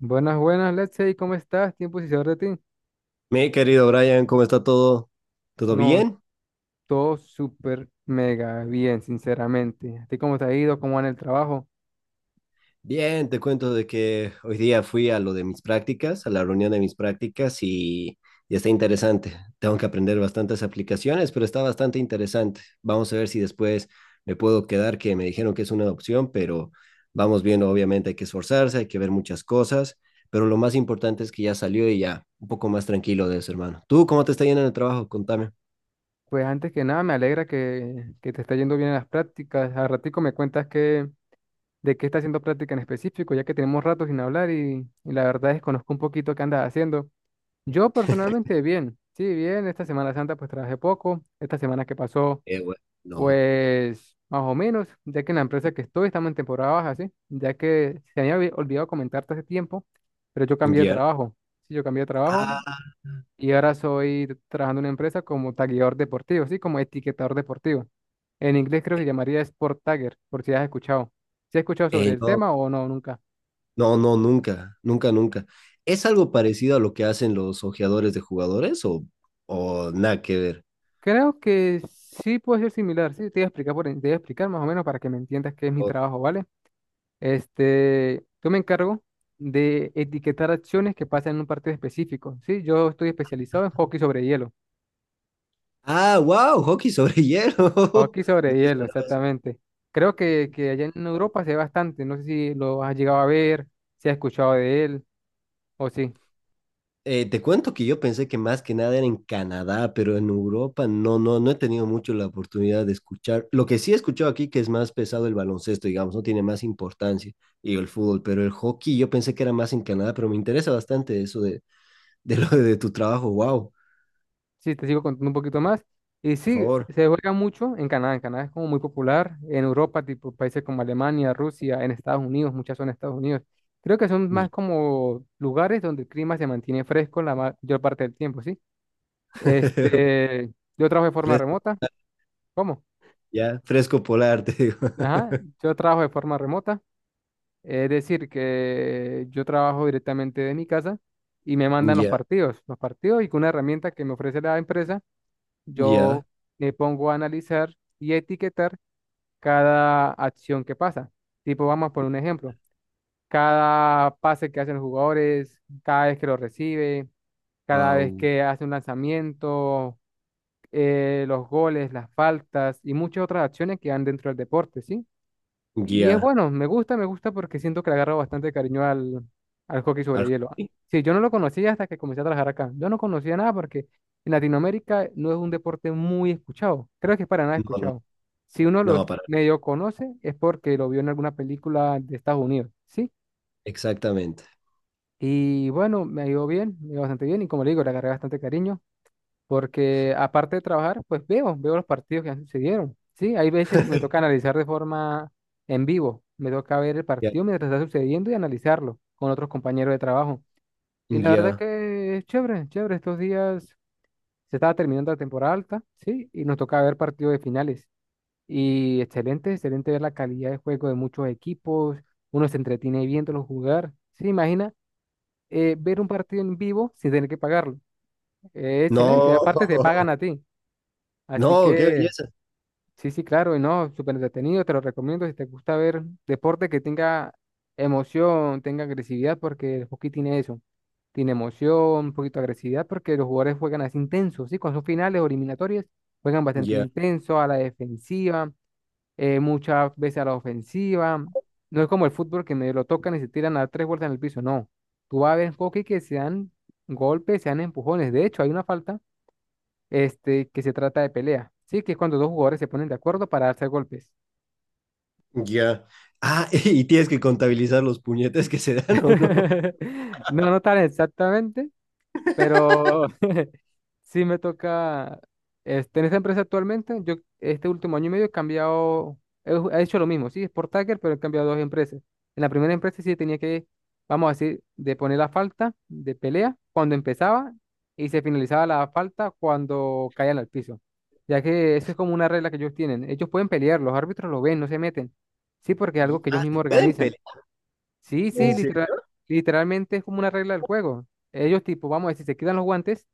Buenas, buenas, Letsey, ¿cómo estás? ¿Tiempo sin saber de ti? Mi querido Brian, ¿cómo está todo? ¿Todo No, bien? todo súper mega bien, sinceramente. ¿A ti cómo te ha ido? ¿Cómo va en el trabajo? Bien, te cuento de que hoy día fui a lo de mis prácticas, a la reunión de mis prácticas y está interesante. Tengo que aprender bastantes aplicaciones, pero está bastante interesante. Vamos a ver si después me puedo quedar, que me dijeron que es una opción, pero vamos viendo, obviamente hay que esforzarse, hay que ver muchas cosas, pero lo más importante es que ya salió y ya un poco más tranquilo de eso, hermano. ¿Tú cómo te está yendo en el trabajo? Contame. Pues antes que nada, me alegra que te está yendo bien en las prácticas. Al ratico me cuentas de qué estás haciendo práctica en específico, ya que tenemos rato sin hablar y la verdad desconozco un poquito qué andas haciendo. Yo personalmente bien, sí, bien. Esta Semana Santa pues trabajé poco. Esta semana que pasó, Bueno, no. pues más o menos, ya que en la empresa que estoy estamos en temporada baja, ¿sí? Ya que se me había olvidado comentarte hace tiempo, pero yo cambié de Ya. trabajo. Sí, yo cambié de trabajo Ah, y ahora soy trabajando en una empresa como tagueador deportivo, ¿sí? Como etiquetador deportivo. En inglés creo que se llamaría Sport Tagger, por si has escuchado. ¿Si has escuchado sobre el no. tema o no, nunca? No, no, nunca, nunca, nunca. ¿Es algo parecido a lo que hacen los ojeadores de jugadores o nada que ver? Creo que sí puede ser similar, sí, te voy a explicar, te voy a explicar más o menos para que me entiendas qué es mi O- trabajo, ¿vale? Este, yo me encargo de etiquetar acciones que pasan en un partido específico. Sí, yo estoy especializado en hockey sobre hielo. Ah, wow, hockey sobre hielo. Hockey No sobre me hielo, esperaba eso. exactamente. Creo que allá en Europa se ve bastante. No sé si lo has llegado a ver, si has escuchado de él o sí. Te cuento que yo pensé que más que nada era en Canadá, pero en Europa no, no, no he tenido mucho la oportunidad de escuchar. Lo que sí he escuchado aquí que es más pesado el baloncesto, digamos, no tiene más importancia y el fútbol, pero el hockey yo pensé que era más en Canadá, pero me interesa bastante eso de lo de tu trabajo. Wow, Sí, te sigo contando un poquito más. Y por sí, favor. se juega mucho en Canadá. En Canadá es como muy popular. En Europa, tipo países como Alemania, Rusia, en Estados Unidos, muchas son en Estados Unidos. Creo que son más como lugares donde el clima se mantiene fresco la mayor parte del tiempo, ¿sí? Este, yo trabajo de forma Fresco, remota. ¿Cómo? ya, fresco polar, te digo. Ajá, yo trabajo de forma remota. Es decir, que yo trabajo directamente de mi casa y me mandan los Ya, partidos, los partidos y con una herramienta que me ofrece la empresa, yo ya, me pongo a analizar y etiquetar cada acción que pasa. Tipo, vamos a poner un ejemplo. Cada pase que hacen los jugadores, cada vez que lo recibe, cada vez wow, que hace un lanzamiento, los goles, las faltas y muchas otras acciones que van dentro del deporte, ¿sí? Y es ya. bueno, me gusta porque siento que le agarro bastante cariño al, al hockey sobre Arjona, hielo. Sí, yo no lo conocía hasta que comencé a trabajar acá. Yo no conocía nada porque en Latinoamérica no es un deporte muy escuchado. Creo que es para nada no, no, escuchado. Si uno no, los para. medio conoce es porque lo vio en alguna película de Estados Unidos, ¿sí? Exactamente. Y bueno, me ha ido bien, me ha ido bastante bien y como le digo, le agarré bastante cariño porque aparte de trabajar, pues veo los partidos que han sucedieron. Sí, hay veces que me toca analizar de forma en vivo, me toca ver el Ya, partido mientras está sucediendo y analizarlo con otros compañeros de trabajo. Y la verdad ya. que es chévere, chévere. Estos días se estaba terminando la temporada alta, sí, y nos toca ver partidos de finales. Y excelente, excelente ver la calidad de juego de muchos equipos, uno se entretiene viéndolos jugar. Sí, imagina, ver un partido en vivo sin tener que pagarlo. Excelente, No, aparte te pagan a ti. Así no, qué que, belleza. sí, sí, claro, y no, súper entretenido, te lo recomiendo si te gusta ver deporte que tenga emoción, tenga agresividad, porque el hockey tiene eso, tiene emoción, un poquito de agresividad, porque los jugadores juegan así intensos, ¿sí? Cuando son finales o eliminatorias, juegan bastante Ya, intenso a la defensiva, muchas veces a la ofensiva, no es como el fútbol que me lo tocan y se tiran a tres vueltas en el piso, no, tú vas a ver hockey que se dan golpes, se dan empujones, de hecho, hay una falta este, que se trata de pelea, ¿sí? Que es cuando dos jugadores se ponen de acuerdo para darse golpes. ya. Ah, y tienes que contabilizar los puñetes que se dan o no. No, no tan exactamente. Pero sí me toca, este, en esta empresa actualmente, yo este último año y medio he cambiado, he hecho lo mismo, sí, es por Tagger, pero he cambiado dos empresas. En la primera empresa sí tenía que, vamos a decir, de poner la falta de pelea cuando empezaba y se finalizaba la falta cuando caían al piso, ya que eso es como una regla que ellos tienen. Ellos pueden pelear, los árbitros lo ven, no se meten, sí, porque es algo que ellos Ah, se mismos pueden organizan. pelear. Sí, sí, En serio. Literalmente es como una regla del juego. Ellos tipo, vamos a decir, se quitan los guantes.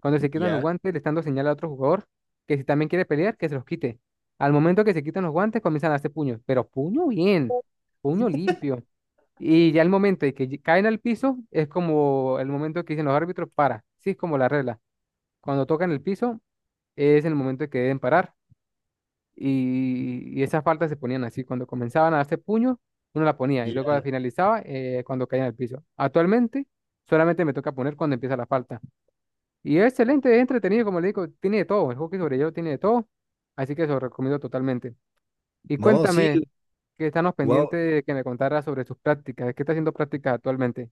Cuando se quitan los Ya, guantes, le están dando señal a otro jugador que si también quiere pelear, que se los quite. Al momento que se quitan los guantes, comienzan a hacer puños, pero puño bien, puño limpio. Y ya el momento de que caen al piso, es como el momento que dicen los árbitros para. Sí, es como la regla. Cuando tocan el piso, es el momento de que deben parar y esas faltas se ponían así. Cuando comenzaban a darse puños, uno la ponía y luego ya. la finalizaba, cuando caía en el piso. Actualmente solamente me toca poner cuando empieza la falta. Y es excelente, es entretenido, como le digo, tiene de todo. El hockey sobre hielo tiene de todo. Así que se lo recomiendo totalmente. Y No, sí, cuéntame, que estamos wow. pendientes de que me contara sobre sus prácticas. ¿Qué está haciendo prácticas actualmente?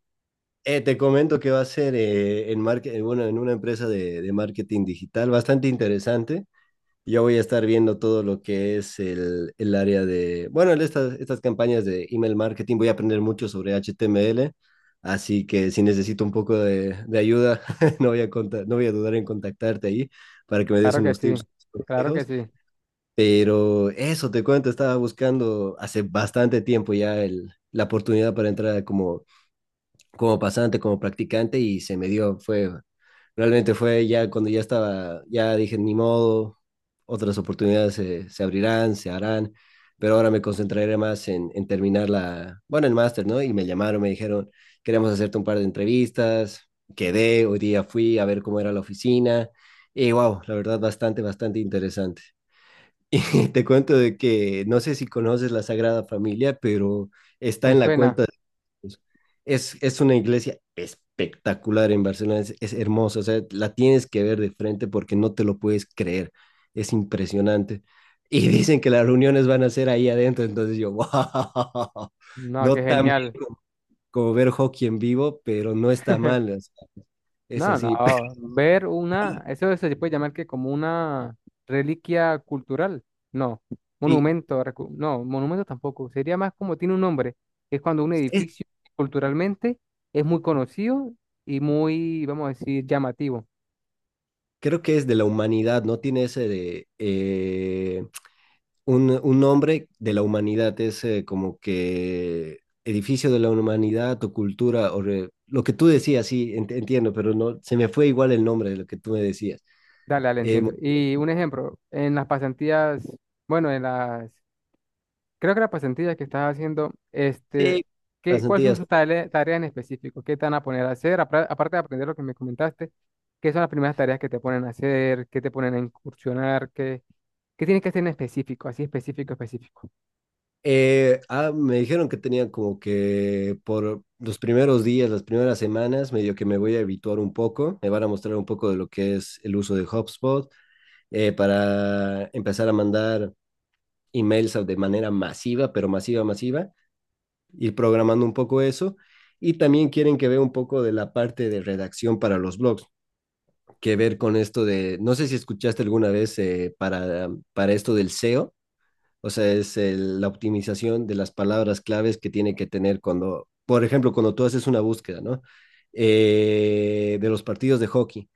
Te comento que va a ser en market, bueno, en una empresa de marketing digital bastante interesante. Yo voy a estar viendo todo lo que es el área de, bueno, estas campañas de email marketing. Voy a aprender mucho sobre HTML, así que si necesito un poco de ayuda, no voy a dudar en contactarte ahí para que me des Claro que unos tips, sí, unos claro que consejos. sí. Pero eso te cuento, estaba buscando hace bastante tiempo ya la oportunidad para entrar como como pasante, como practicante y se me dio, realmente fue ya cuando ya estaba, ya dije, ni modo, otras oportunidades se abrirán, se harán, pero ahora me concentraré más en terminar bueno, el máster, ¿no? Y me llamaron, me dijeron, queremos hacerte un par de entrevistas, quedé, hoy día fui a ver cómo era la oficina y wow, la verdad bastante, bastante interesante. Y te cuento de que no sé si conoces la Sagrada Familia, pero está Me en la suena. cuenta pues, es una iglesia espectacular en Barcelona, es hermosa, o sea, la tienes que ver de frente porque no te lo puedes creer, es impresionante. Y dicen que las reuniones van a ser ahí adentro, entonces yo, wow, No, no qué tan genial. bien como ver hockey en vivo, pero no está mal, o sea, es No, no, así. ver una, eso se puede llamar que como una reliquia cultural, no, Y monumento, no, monumento tampoco, sería más como tiene un nombre, es cuando un es- edificio culturalmente es muy conocido y muy, vamos a decir, llamativo. Creo que es de la humanidad, ¿no? Tiene ese de, un nombre de la humanidad, es como que edificio de la humanidad o cultura, lo que tú decías, sí, entiendo, pero no, se me fue igual el nombre de lo que tú me decías. Dale, dale, Eh, mo- entiendo. Y un ejemplo, en las pasantías, bueno, en las creo que la pasantía que estás haciendo, sí, este, las cuáles son Antillas. sus ¿No? Tareas en específico? ¿Qué te van a poner a hacer? Aparte de aprender lo que me comentaste, ¿qué son las primeras tareas que te ponen a hacer? ¿Qué te ponen a incursionar? ¿Qué tienes que hacer en específico? Así específico, específico. Me dijeron que tenía como que por los primeros días, las primeras semanas, medio que me voy a habituar un poco, me van a mostrar un poco de lo que es el uso de HubSpot para empezar a mandar emails de manera masiva, pero masiva, masiva ir programando un poco eso. Y también quieren que vea un poco de la parte de redacción para los blogs, que ver con esto de, no sé si escuchaste alguna vez para, para esto del SEO, o sea, la optimización de las palabras claves que tiene que tener cuando, por ejemplo, cuando tú haces una búsqueda, ¿no? De los partidos de hockey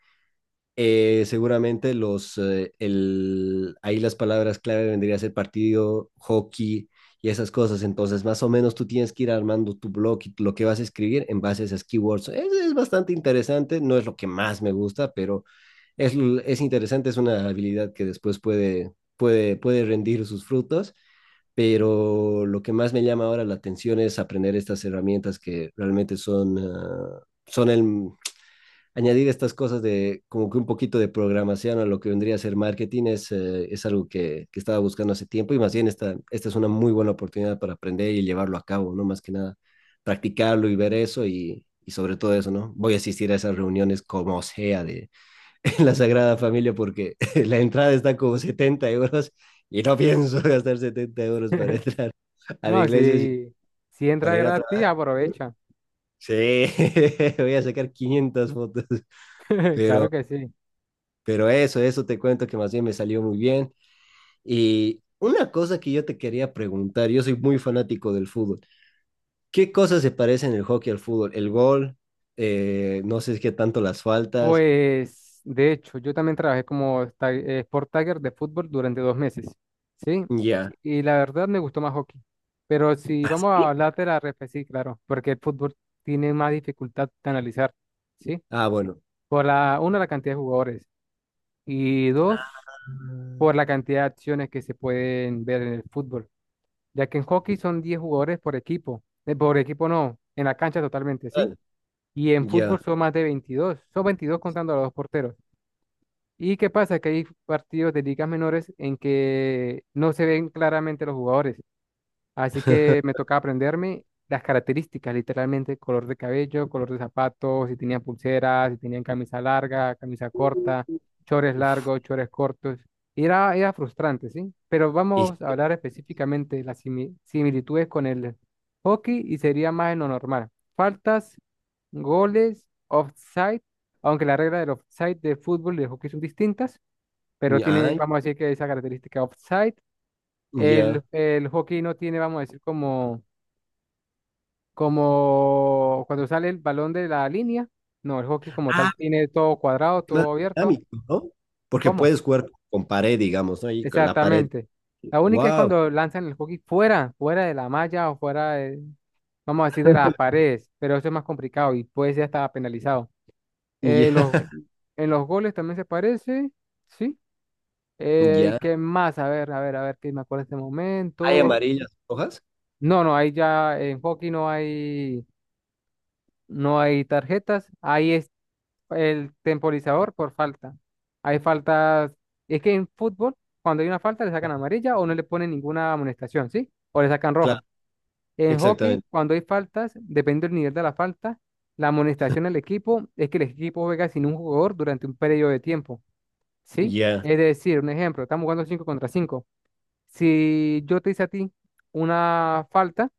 seguramente ahí las palabras clave vendría a ser partido, hockey y esas cosas. Entonces, más o menos tú tienes que ir armando tu blog y lo que vas a escribir en base a esas keywords. Es bastante interesante, no es lo que más me gusta, pero es interesante, es una habilidad que después puede, puede, puede rendir sus frutos. Pero lo que más me llama ahora la atención es aprender estas herramientas que realmente son, son añadir estas cosas de como que un poquito de programación a lo que vendría a ser marketing es algo que estaba buscando hace tiempo y más bien esta es una muy buena oportunidad para aprender y llevarlo a cabo, ¿no? Más que nada, practicarlo y ver eso y sobre todo eso, ¿no? Voy a asistir a esas reuniones como sea de en la Sagrada Familia porque la entrada está como 70 euros y no pienso gastar 70 euros para entrar a la No, iglesia si entra para ir a gratis, trabajar. aprovecha. Sí, voy a sacar 500 fotos, Claro pero que sí. Pero eso, eso te cuento que más bien me salió muy bien. Y una cosa que yo te quería preguntar, yo soy muy fanático del fútbol. ¿Qué cosas se parecen el hockey al fútbol? El gol, no sé qué tanto las faltas. Pues, de hecho, yo también trabajé como Sport Tagger de fútbol durante 2 meses, ¿sí? Ya. Y la verdad me gustó más hockey. Pero si ¿Ah, vamos a sí? hablar de la ref, sí, claro, porque el fútbol tiene más dificultad de analizar, ¿sí? Ah, bueno. Por la, uno la cantidad de jugadores y dos, Ah, por la cantidad de acciones que se pueden ver en el fútbol, ya que en hockey son 10 jugadores por equipo no, en la cancha totalmente, ¿sí? vale, Y en fútbol ya. son más de 22, son 22 contando a los dos porteros. ¿Y qué pasa? Que hay partidos de ligas menores en que no se ven claramente los jugadores. Así que me tocaba aprenderme las características, literalmente, color de cabello, color de zapatos, si tenían pulseras, si tenían camisa larga, camisa corta, chores largos, chores cortos. Y era frustrante, ¿sí? Pero vamos a Y- hablar específicamente de las similitudes con el hockey y sería más en lo normal. Faltas, goles, offside, aunque la regla del offside del fútbol y del hockey son distintas, pero tiene, ah, vamos a decir que esa característica offside el, ya. el hockey no tiene, vamos a decir, como, cuando sale el balón de la línea. No, el hockey como Ah, tal tiene todo cuadrado, es más todo abierto. dinámico, ¿no? Porque ¿Cómo? puedes jugar con pared, digamos, ¿no? Y con la pared. Exactamente. La única es Wow. cuando lanzan el hockey fuera, fuera de la malla o fuera de, vamos a decir, de las paredes, pero eso es más complicado y puede ser hasta penalizado. Eh, Ya, los, en los goles también se parece, ¿sí? Ya. ¿Qué más? A ver, a ver, a ver, que me acuerdo de este ¿Hay momento. amarillas, rojas? No, no, ahí ya en hockey no hay tarjetas, ahí es el temporizador por falta. Hay faltas, es que en fútbol, cuando hay una falta, le sacan amarilla o no le ponen ninguna amonestación, ¿sí? O le sacan Claro, roja. En hockey, exactamente. cuando hay faltas, depende del nivel de la falta, la amonestación al equipo es que el equipo juega sin un jugador durante un periodo de tiempo, ¿sí? Ya, Es decir, un ejemplo, estamos jugando 5 contra 5. Si yo te hice a ti una falta,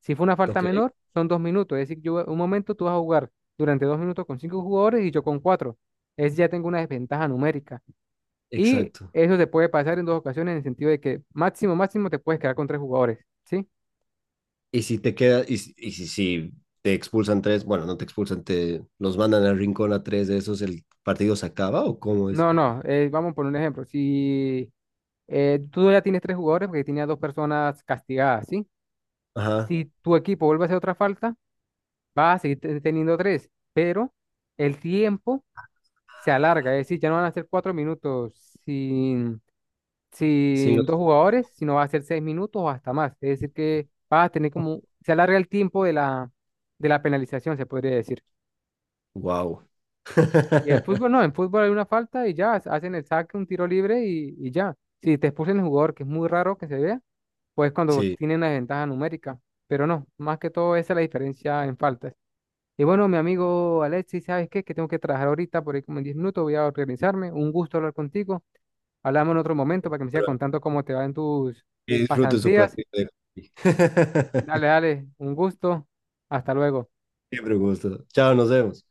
si fue una falta ok, menor, son 2 minutos. Es decir, yo un momento tú vas a jugar durante 2 minutos con cinco jugadores y yo con cuatro. Es ya tengo una desventaja numérica. Y exacto. eso se puede pasar en dos ocasiones en el sentido de que máximo, máximo te puedes quedar con tres jugadores, ¿sí? Y si te queda, y si- Si te expulsan tres, bueno, no te expulsan, te los mandan al rincón a tres de esos, ¿el partido se acaba o cómo es? No, no, vamos por un ejemplo. Si tú ya tienes tres jugadores porque tenía dos personas castigadas, ¿sí? Ajá, Si tu equipo vuelve a hacer otra falta, vas a seguir teniendo tres, pero el tiempo se alarga, es decir, ya no van a ser 4 minutos sin sin sin los... dos jugadores, sino va a ser 6 minutos o hasta más. Es decir, que va a tener como, se alarga el tiempo de la penalización, se podría decir. Wow. Y en fútbol no, en fútbol hay una falta y ya hacen el saque, un tiro libre y ya. Si te expulsan el jugador, que es muy raro que se vea, pues cuando Sí, tienen la ventaja numérica. Pero no, más que todo esa es la diferencia en faltas. Y bueno, mi amigo Alexis, ¿sabes qué? Que tengo que trabajar ahorita, por ahí como en 10 minutos voy a organizarme. Un gusto hablar contigo. Hablamos en otro momento para que me sigas pero contando cómo te va en tus que disfruten su pasantías. partido. De- Dale, dale, un gusto. Hasta luego. Siempre un gusto. Chao, nos vemos.